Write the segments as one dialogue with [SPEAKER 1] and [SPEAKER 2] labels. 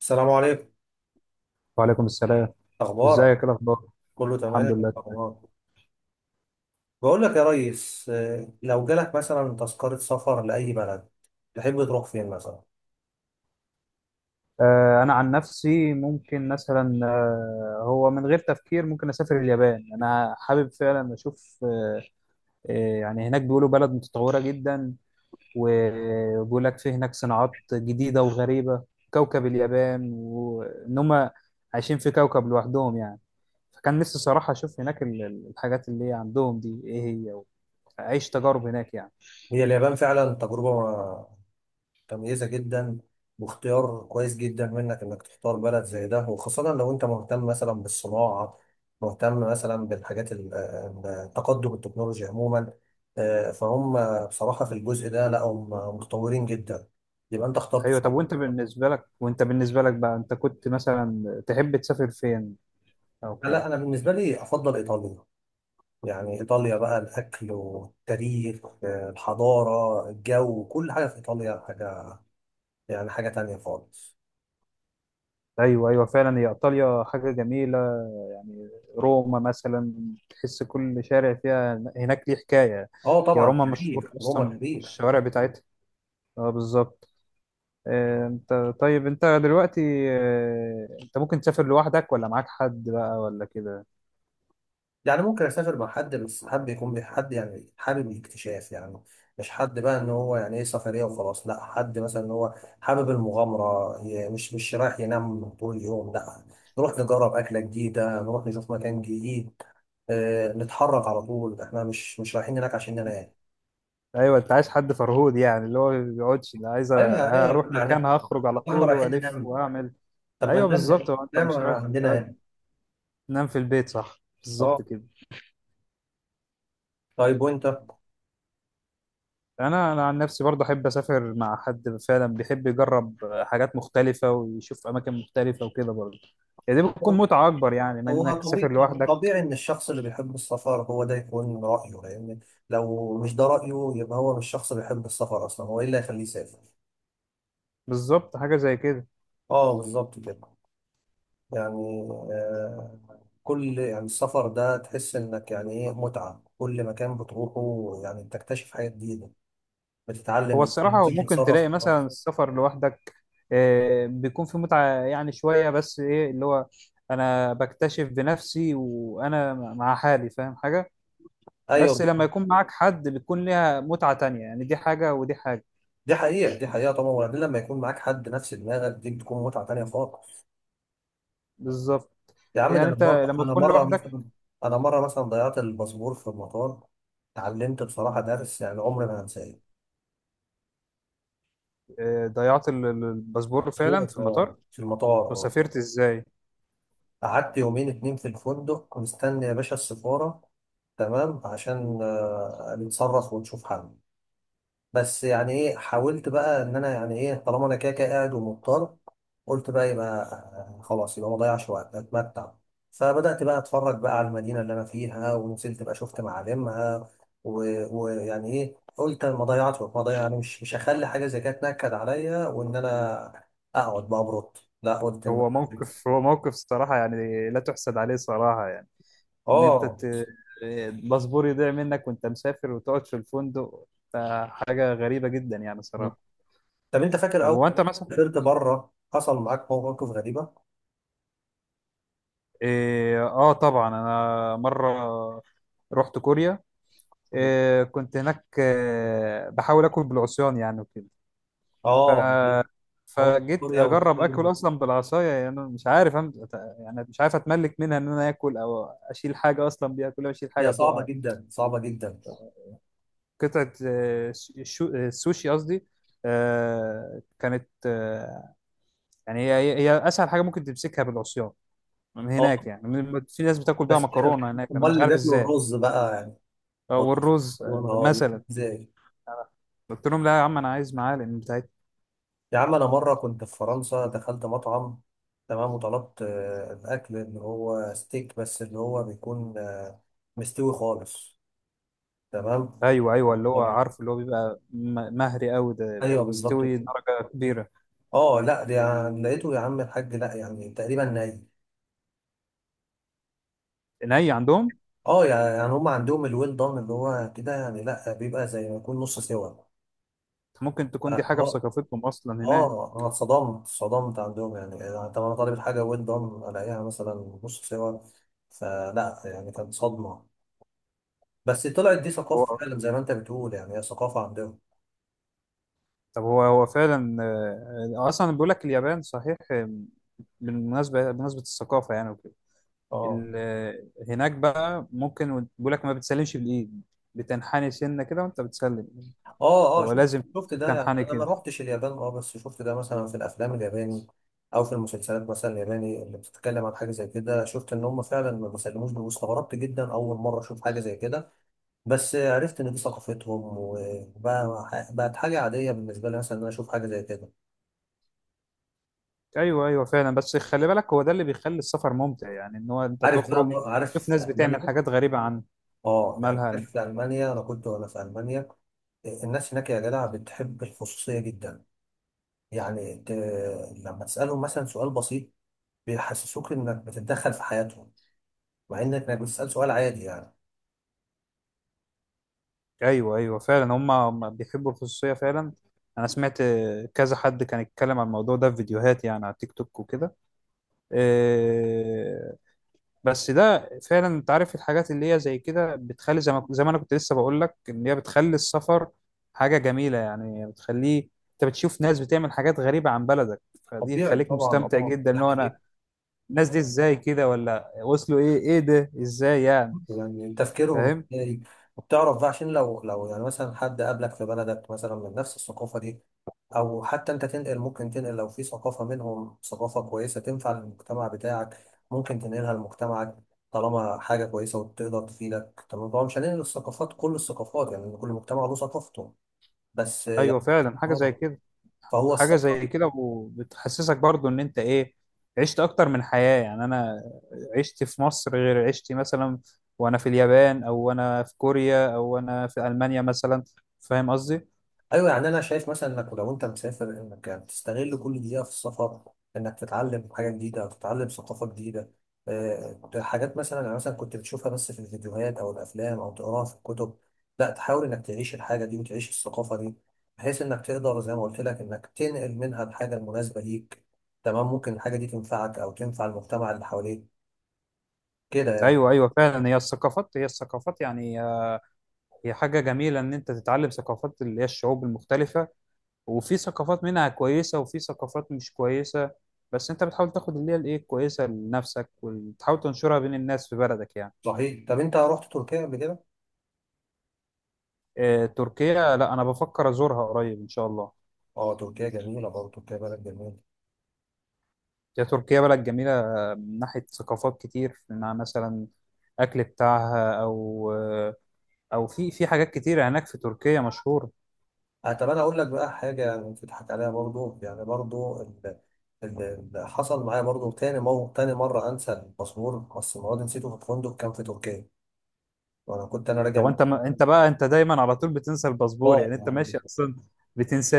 [SPEAKER 1] السلام عليكم.
[SPEAKER 2] وعليكم السلام.
[SPEAKER 1] اخبارك؟
[SPEAKER 2] ازيك؟ ايه الاخبار؟
[SPEAKER 1] كله
[SPEAKER 2] الحمد
[SPEAKER 1] تمام،
[SPEAKER 2] لله.
[SPEAKER 1] اخبارك؟ بقول لك يا ريس، لو جالك مثلا تذكرة سفر لأي بلد تحب تروح فين مثلا؟
[SPEAKER 2] انا عن نفسي ممكن مثلا هو من غير تفكير ممكن اسافر اليابان. انا حابب فعلا اشوف آه يعني هناك بيقولوا بلد متطورة جدا، وبيقول لك في هناك صناعات جديدة وغريبة. كوكب اليابان، وان هم عايشين في كوكب لوحدهم يعني. فكان نفسي صراحة اشوف هناك الحاجات اللي عندهم دي ايه هي، واعيش تجارب هناك يعني.
[SPEAKER 1] هي اليابان فعلا تجربة متميزة جدا، واختيار كويس جدا منك انك تختار بلد زي ده، وخاصة لو انت مهتم مثلا بالصناعة، مهتم مثلا بالحاجات تقدم التكنولوجيا عموما. فهم بصراحة في الجزء ده، لا هم متطورين جدا، يبقى انت اخترت
[SPEAKER 2] ايوه. طب
[SPEAKER 1] صح.
[SPEAKER 2] وانت بالنسبه لك، بقى انت كنت مثلا تحب تسافر فين او كده؟
[SPEAKER 1] لا انا بالنسبة لي افضل ايطاليا. يعني إيطاليا بقى الأكل والتاريخ، الحضارة، الجو، كل حاجة في إيطاليا حاجة يعني حاجة تانية خالص.
[SPEAKER 2] ايوه ايوه فعلا، هي ايطاليا حاجه جميله يعني. روما مثلا، تحس كل شارع فيها هناك ليه حكايه.
[SPEAKER 1] اه
[SPEAKER 2] يا
[SPEAKER 1] طبعا،
[SPEAKER 2] روما مشهور
[SPEAKER 1] تاريخ روما
[SPEAKER 2] اصلا
[SPEAKER 1] تاريخ.
[SPEAKER 2] الشوارع بتاعتها. اه بالظبط. انت طيب انت دلوقتي، انت ممكن تسافر لوحدك ولا معاك حد بقى ولا كده؟
[SPEAKER 1] يعني ممكن أسافر مع حد، بس حابب يكون حد يعني حابب الاكتشاف يعني، مش حد بقى إن هو يعني إيه سفرية وخلاص، لا حد مثلا إن هو حابب المغامرة، مش رايح ينام طول اليوم، لا، نروح نجرب أكلة جديدة، نروح نشوف مكان جديد، نتحرك على طول، احنا مش رايحين هناك عشان ننام.
[SPEAKER 2] ايوه، انت عايز حد فرهود، يعني اللي هو ما بيقعدش، اللي عايز
[SPEAKER 1] ايوه
[SPEAKER 2] هروح
[SPEAKER 1] ايوه يعني،
[SPEAKER 2] مكان، هخرج على
[SPEAKER 1] طب احنا
[SPEAKER 2] طول
[SPEAKER 1] رايحين
[SPEAKER 2] والف
[SPEAKER 1] ننام؟
[SPEAKER 2] واعمل.
[SPEAKER 1] طب ما
[SPEAKER 2] ايوه بالظبط،
[SPEAKER 1] ننام،
[SPEAKER 2] هو انت
[SPEAKER 1] ننام
[SPEAKER 2] مش رايح
[SPEAKER 1] عندنا يعني.
[SPEAKER 2] تنام في البيت، صح، بالظبط
[SPEAKER 1] اه،
[SPEAKER 2] كده.
[SPEAKER 1] طيب وانت؟
[SPEAKER 2] انا عن نفسي برضه احب اسافر مع حد فعلا بيحب يجرب حاجات مختلفه ويشوف اماكن مختلفه وكده برضه، يعني دي بتكون متعه اكبر يعني من
[SPEAKER 1] هو
[SPEAKER 2] انك
[SPEAKER 1] طبيعي،
[SPEAKER 2] تسافر لوحدك.
[SPEAKER 1] طبيعي ان الشخص اللي بيحب السفر هو ده يكون رايه، لان لو مش ده رايه يبقى هو مش شخص بيحب السفر اصلا، هو ايه اللي هيخليه يسافر.
[SPEAKER 2] بالظبط، حاجه زي كده.
[SPEAKER 1] اه بالظبط كده يعني. كل، يعني السفر ده تحس انك يعني ايه متعه، كل مكان بتروحه يعني بتكتشف حاجه جديده،
[SPEAKER 2] هو
[SPEAKER 1] بتتعلم
[SPEAKER 2] الصراحه
[SPEAKER 1] انت
[SPEAKER 2] هو ممكن
[SPEAKER 1] تتصرف.
[SPEAKER 2] تلاقي مثلا السفر لوحدك بيكون في متعه يعني شويه، بس ايه اللي هو انا بكتشف بنفسي، وانا مع حالي فاهم حاجه. بس
[SPEAKER 1] ايوه،
[SPEAKER 2] لما يكون معاك حد بتكون ليها متعه تانية، يعني دي حاجه ودي حاجه.
[SPEAKER 1] دي حقيقة، دي حقيقة طبعا، وبعدين لما يكون معاك حد نفس دماغك دي بتكون متعة تانية خالص.
[SPEAKER 2] بالظبط.
[SPEAKER 1] يا عم، ده
[SPEAKER 2] يعني
[SPEAKER 1] أنا
[SPEAKER 2] انت
[SPEAKER 1] مرة
[SPEAKER 2] لما
[SPEAKER 1] أنا
[SPEAKER 2] تكون
[SPEAKER 1] مرة
[SPEAKER 2] لوحدك...
[SPEAKER 1] مثلا أنا مرة مثلا ضيعت الباسبور في المطار، اتعلمت بصراحة درس يعني عمري ما هنساه.
[SPEAKER 2] ضيعت الباسبور
[SPEAKER 1] في
[SPEAKER 2] فعلا في المطار؟
[SPEAKER 1] المطار، في المطار، آه.
[SPEAKER 2] وسافرت ازاي؟
[SPEAKER 1] قعدت يومين اتنين في الفندق مستني يا باشا السفارة، تمام، عشان نتصرف ونشوف حل. بس يعني ايه، حاولت بقى ان انا يعني ايه، طالما انا كده كده قاعد ومضطر، قلت بقى يبقى خلاص، يبقى ما اضيعش وقت، اتمتع. فبدات بقى اتفرج بقى على المدينه اللي انا فيها، ونزلت بقى شفت معالمها، ويعني ايه، قلت أنا ما اضيعش وقت، ما اضيع، يعني مش هخلي حاجه زي كده تنكد عليا، وان انا اقعد بقى ابرد. لا قلت ان،
[SPEAKER 2] هو موقف صراحة يعني لا تحسد عليه صراحة يعني، ان انت
[SPEAKER 1] اه.
[SPEAKER 2] ت... آه، الباسبور يضيع منك وانت مسافر وتقعد في الفندق، ده حاجة غريبة جدا يعني صراحة.
[SPEAKER 1] طب انت فاكر
[SPEAKER 2] طب
[SPEAKER 1] اول
[SPEAKER 2] هو انت مثلا...
[SPEAKER 1] ما سافرت بره حصل معاك مواقف غريبه؟
[SPEAKER 2] اه. طبعا انا مرة رحت كوريا. كنت هناك بحاول اكل بالعصيان يعني وكده.
[SPEAKER 1] اه هو
[SPEAKER 2] فجيت
[SPEAKER 1] سوريا
[SPEAKER 2] اجرب اكل
[SPEAKER 1] والصين.
[SPEAKER 2] اصلا بالعصايه يعني. أنا مش عارف يعني مش عارف اتملك منها ان انا اكل او اشيل حاجه اصلا بيها. كل ما اشيل حاجه
[SPEAKER 1] هي صعبة
[SPEAKER 2] تقع
[SPEAKER 1] جدا، صعبة جدا.
[SPEAKER 2] قطعه. السوشي قصدي. كانت يعني هي اسهل حاجه ممكن تمسكها بالعصيان من
[SPEAKER 1] اه
[SPEAKER 2] هناك يعني. في ناس بتاكل بيها
[SPEAKER 1] بس،
[SPEAKER 2] مكرونه هناك، انا
[SPEAKER 1] امال
[SPEAKER 2] مش
[SPEAKER 1] اللي
[SPEAKER 2] عارف
[SPEAKER 1] بياكلوا
[SPEAKER 2] ازاي.
[SPEAKER 1] الرز بقى يعني،
[SPEAKER 2] او
[SPEAKER 1] بط-
[SPEAKER 2] الرز
[SPEAKER 1] بيقولوا اه؟
[SPEAKER 2] مثلا.
[SPEAKER 1] ازاي؟
[SPEAKER 2] قلت لهم لا يا عم، انا عايز معالق بتاعتي.
[SPEAKER 1] يا عم انا مرة كنت في فرنسا، دخلت مطعم، تمام، وطلبت الاكل اللي هو ستيك، بس اللي هو بيكون مستوي خالص، تمام،
[SPEAKER 2] ايوه ايوه، اللي هو
[SPEAKER 1] آه.
[SPEAKER 2] عارف اللي هو بيبقى مهري قوي، ده اللي هو
[SPEAKER 1] ايوه بالظبط
[SPEAKER 2] مستوي
[SPEAKER 1] كده.
[SPEAKER 2] درجه كبيره.
[SPEAKER 1] اه لا ده يعني لقيته يا عم الحاج، لا يعني تقريبا ني.
[SPEAKER 2] ني عندهم.
[SPEAKER 1] اه يعني هم عندهم الويل دان اللي هو كده، يعني لا بيبقى زي ما يكون نص سوا.
[SPEAKER 2] ممكن
[SPEAKER 1] اه
[SPEAKER 2] تكون دي حاجة في
[SPEAKER 1] آه.
[SPEAKER 2] ثقافتهم أصلا هناك.
[SPEAKER 1] اه، انا اتصدمت عندهم يعني. يعني طب انا طالب الحاجه ويل دون، الاقيها مثلا نص سوا، فلا يعني كانت صدمه، بس طلعت دي ثقافه
[SPEAKER 2] هو،
[SPEAKER 1] فعلا زي ما انت بتقول يعني هي ثقافه عندهم.
[SPEAKER 2] طب هو فعلا أصلا بيقول لك اليابان صحيح. بمناسبة الثقافة يعني وكده،
[SPEAKER 1] اه
[SPEAKER 2] ال- آه، هناك بقى ممكن بيقول لك ما بتسلمش بالإيد، بتنحني سنة كده وأنت بتسلم.
[SPEAKER 1] اه اه،
[SPEAKER 2] هو
[SPEAKER 1] شفت
[SPEAKER 2] لازم
[SPEAKER 1] شفت ده يعني،
[SPEAKER 2] تنحني
[SPEAKER 1] انا ما
[SPEAKER 2] كده.
[SPEAKER 1] روحتش اليابان اه، بس شفت ده مثلا في الافلام الياباني او في المسلسلات مثلا الياباني اللي بتتكلم عن حاجه زي كده، شفت ان هم فعلا ما بيسلموش، واستغربت جدا اول مره اشوف حاجه زي كده، بس عرفت ان دي ثقافتهم وبقى بقت حاجه عاديه بالنسبه لي مثلا ان انا اشوف حاجه زي كده.
[SPEAKER 2] أيوه أيوه فعلا، بس خلي بالك هو ده اللي بيخلي السفر ممتع يعني، إن هو أنت
[SPEAKER 1] عارف بقى
[SPEAKER 2] تخرج تشوف
[SPEAKER 1] عارف
[SPEAKER 2] ناس بتعمل
[SPEAKER 1] المانيا؟
[SPEAKER 2] حاجات غريبة عن...
[SPEAKER 1] اه يعني
[SPEAKER 2] مالها؟
[SPEAKER 1] عارف، في المانيا انا كنت، وانا في المانيا الناس هناك يا جدع بتحب الخصوصيه جدا. يعني لما تسالهم مثلا سؤال بسيط بيحسسوك انك بتتدخل في حياتهم، مع انك بتسال سؤال عادي يعني.
[SPEAKER 2] ايوه ايوه فعلا، هم بيحبوا الخصوصيه فعلا. انا سمعت كذا حد كان يتكلم عن الموضوع ده في فيديوهات يعني، على تيك توك وكده. آه، بس ده فعلا انت عارف الحاجات اللي هي زي كده بتخلي زي ما انا كنت لسه بقول لك ان هي بتخلي السفر حاجه جميله يعني. بتخليه انت بتشوف ناس بتعمل حاجات غريبه عن بلدك، فدي
[SPEAKER 1] طبيعي
[SPEAKER 2] خليك
[SPEAKER 1] طبعا،
[SPEAKER 2] مستمتع
[SPEAKER 1] طبعا،
[SPEAKER 2] جدا. ان
[SPEAKER 1] لا
[SPEAKER 2] هو انا،
[SPEAKER 1] إيه؟
[SPEAKER 2] الناس دي ازاي كده ولا وصلوا ايه؟ ايه ده؟ ازاي يعني؟
[SPEAKER 1] يعني تفكيرهم
[SPEAKER 2] فاهم؟
[SPEAKER 1] ازاي، وبتعرف بقى عشان لو يعني مثلا حد قابلك في بلدك مثلا من نفس الثقافة دي، أو حتى أنت تنقل، ممكن تنقل لو في ثقافة منهم ثقافة كويسة تنفع للمجتمع بتاعك، ممكن تنقلها لمجتمعك طالما حاجة كويسة وتقدر تفيدك، تمام. طبعا مش هننقل الثقافات، كل الثقافات يعني، كل مجتمع له ثقافته، بس
[SPEAKER 2] ايوه
[SPEAKER 1] يعني،
[SPEAKER 2] فعلا حاجه زي كده.
[SPEAKER 1] فهو
[SPEAKER 2] حاجة زي
[SPEAKER 1] الثقافة.
[SPEAKER 2] كده، وبتحسسك برضو ان انت ايه، عشت اكتر من حياة يعني. انا عشت في مصر غير عشتي مثلا وانا في اليابان، او انا في كوريا، او انا في المانيا مثلا. فاهم قصدي؟
[SPEAKER 1] ايوه يعني انا شايف مثلا انك لو انت مسافر انك تستغل كل دقيقه في السفر، انك تتعلم حاجه جديده او تتعلم ثقافه جديده، حاجات مثلا يعني مثلا كنت بتشوفها بس في الفيديوهات او الافلام او تقراها في الكتب، لا تحاول انك تعيش الحاجه دي وتعيش الثقافه دي، بحيث انك تقدر زي ما قلت لك انك تنقل منها الحاجه المناسبه ليك، تمام، ممكن الحاجه دي تنفعك او تنفع المجتمع اللي حواليك، كده يعني.
[SPEAKER 2] ايوه ايوه فعلا، هي الثقافات هي الثقافات يعني، هي حاجة جميلة ان انت تتعلم ثقافات اللي هي الشعوب المختلفة. وفي ثقافات منها كويسة، وفي ثقافات مش كويسة، بس انت بتحاول تاخد اللي هي الايه الكويسة لنفسك، وتحاول تنشرها بين الناس في بلدك يعني.
[SPEAKER 1] صحيح، طب انت رحت تركيا قبل كده؟
[SPEAKER 2] تركيا؟ لا انا بفكر ازورها قريب ان شاء الله.
[SPEAKER 1] اه تركيا جميله برضه، تركيا بلد جميله.
[SPEAKER 2] هي تركيا بلد جميله من ناحيه ثقافات كتير، مع مثلا اكل بتاعها، او او في حاجات كتير هناك في تركيا مشهوره.
[SPEAKER 1] طب انا اقول لك بقى حاجه يعني تضحك عليها برضو، يعني برضو اللي حصل معايا برضو تاني، مو تاني مره انسى الباسبور، بس المواد نسيته في الفندق، كان في تركيا، وانا كنت انا راجع
[SPEAKER 2] طب
[SPEAKER 1] من
[SPEAKER 2] انت ما انت بقى انت دايما على طول بتنسى الباسبور،
[SPEAKER 1] اه
[SPEAKER 2] يعني انت
[SPEAKER 1] يعني،
[SPEAKER 2] ماشي اصلا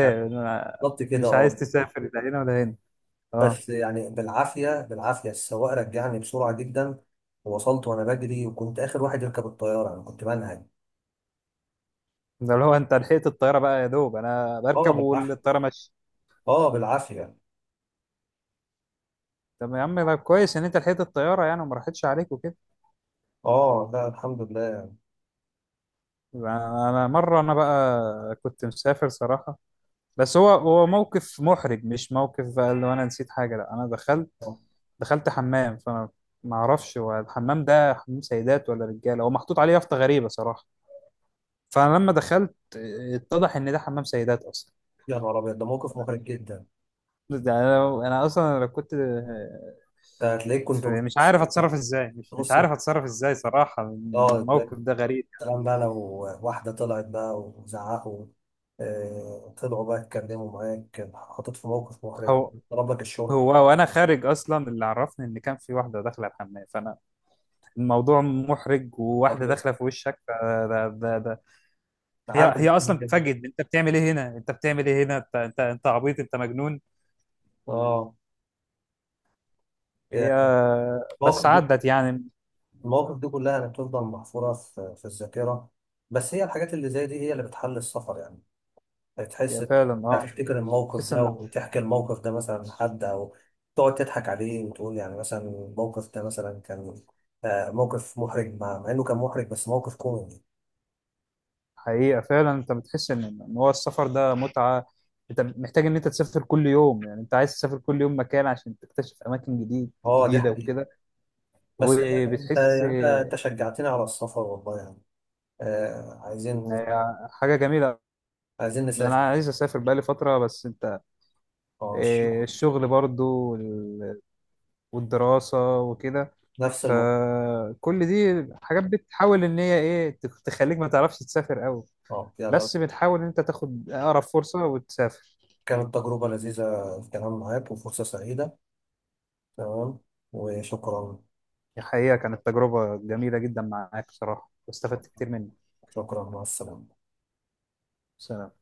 [SPEAKER 1] يعني
[SPEAKER 2] أنا
[SPEAKER 1] بالظبط كده
[SPEAKER 2] مش عايز
[SPEAKER 1] اه.
[SPEAKER 2] تسافر لا هنا ولا هنا. اه.
[SPEAKER 1] بس يعني بالعافيه السواق رجعني بسرعه جدا، ووصلت وانا بجري، وكنت اخر واحد يركب الطياره، انا كنت منهج.
[SPEAKER 2] ده اللي هو انت لحقت الطياره بقى، يا دوب انا
[SPEAKER 1] اه
[SPEAKER 2] بركب
[SPEAKER 1] بالعافيه،
[SPEAKER 2] والطياره ماشيه.
[SPEAKER 1] اه بالعافيه.
[SPEAKER 2] طب يا عم ده كويس ان انت لحقت الطياره يعني وما راحتش عليك وكده.
[SPEAKER 1] اه لا، الحمد لله.
[SPEAKER 2] انا مره، انا بقى كنت مسافر صراحه. بس هو موقف محرج، مش موقف بقى اللي انا نسيت حاجه، لا انا
[SPEAKER 1] آه،
[SPEAKER 2] دخلت حمام. فانا ما اعرفش هو الحمام ده حمام سيدات ولا رجاله. هو محطوط عليه يافطه غريبه صراحه. فانا لما دخلت، اتضح ان ده حمام سيدات اصلا.
[SPEAKER 1] يا نهار ابيض، ده موقف محرج جدا.
[SPEAKER 2] ده انا، اصلا لو كنت
[SPEAKER 1] ده هتلاقيك كنت
[SPEAKER 2] في... مش
[SPEAKER 1] نص،
[SPEAKER 2] عارف اتصرف ازاي. مش
[SPEAKER 1] نص-
[SPEAKER 2] عارف اتصرف ازاي صراحه،
[SPEAKER 1] اه.
[SPEAKER 2] الموقف ده غريب.
[SPEAKER 1] سلام بقى لو واحدة طلعت بقى وزعقوا، طلعوا بقى اتكلموا معاك، حطيت في موقف محرج،
[SPEAKER 2] هو
[SPEAKER 1] طلب لك الشرطة.
[SPEAKER 2] هو وانا خارج اصلا اللي عرفني ان كان في واحده داخله الحمام. فانا الموضوع محرج،
[SPEAKER 1] طب
[SPEAKER 2] وواحده داخله في وشك، فده هي
[SPEAKER 1] تعامل
[SPEAKER 2] اصلا
[SPEAKER 1] كده،
[SPEAKER 2] بتتفاجئ، انت بتعمل ايه هنا، انت بتعمل ايه هنا، انت عبيط، انت مجنون.
[SPEAKER 1] اه
[SPEAKER 2] هي،
[SPEAKER 1] يعني. المواقف
[SPEAKER 2] بس
[SPEAKER 1] دي،
[SPEAKER 2] عدت يعني.
[SPEAKER 1] المواقف دي كلها يعني بتفضل محفورة في الذاكرة، بس هي الحاجات اللي زي دي هي اللي بتحل السفر يعني،
[SPEAKER 2] هي
[SPEAKER 1] هتحس،
[SPEAKER 2] فعلا، اه.
[SPEAKER 1] هتفتكر الموقف
[SPEAKER 2] تحس
[SPEAKER 1] ده
[SPEAKER 2] ان...
[SPEAKER 1] وتحكي الموقف ده مثلا لحد، أو تقعد تضحك عليه وتقول يعني مثلا الموقف ده مثلا كان موقف محرج، مع إنه كان محرج بس موقف كوميدي.
[SPEAKER 2] حقيقه فعلا انت بتحس ان ان هو السفر ده متعه. انت محتاج ان انت تسافر كل يوم، يعني انت عايز تسافر كل يوم مكان عشان تكتشف اماكن جديد،
[SPEAKER 1] اه دي
[SPEAKER 2] جديده
[SPEAKER 1] حقيقة.
[SPEAKER 2] وكده.
[SPEAKER 1] بس انت
[SPEAKER 2] وبتحس
[SPEAKER 1] يعني انت انت شجعتني على السفر والله يعني. آه عايزين،
[SPEAKER 2] إن... حاجه جميله.
[SPEAKER 1] عايزين
[SPEAKER 2] انا
[SPEAKER 1] نسافر.
[SPEAKER 2] عايز اسافر بقالي فتره، بس انت،
[SPEAKER 1] اه
[SPEAKER 2] إيه،
[SPEAKER 1] شكرا،
[SPEAKER 2] الشغل برضو والدراسة وكده،
[SPEAKER 1] نفس الموضوع.
[SPEAKER 2] فكل دي حاجات بتحاول ان هي ايه تخليك ما تعرفش تسافر قوي،
[SPEAKER 1] اه يلا،
[SPEAKER 2] بس بتحاول ان انت تاخد اقرب فرصة وتسافر.
[SPEAKER 1] كانت تجربة لذيذة الكلام معاك وفرصة سعيدة، تمام، وشكرا.
[SPEAKER 2] الحقيقة كانت تجربة جميلة جدا معاك بصراحة، واستفدت كتير منك.
[SPEAKER 1] شكرا، مع السلامة.
[SPEAKER 2] سلام.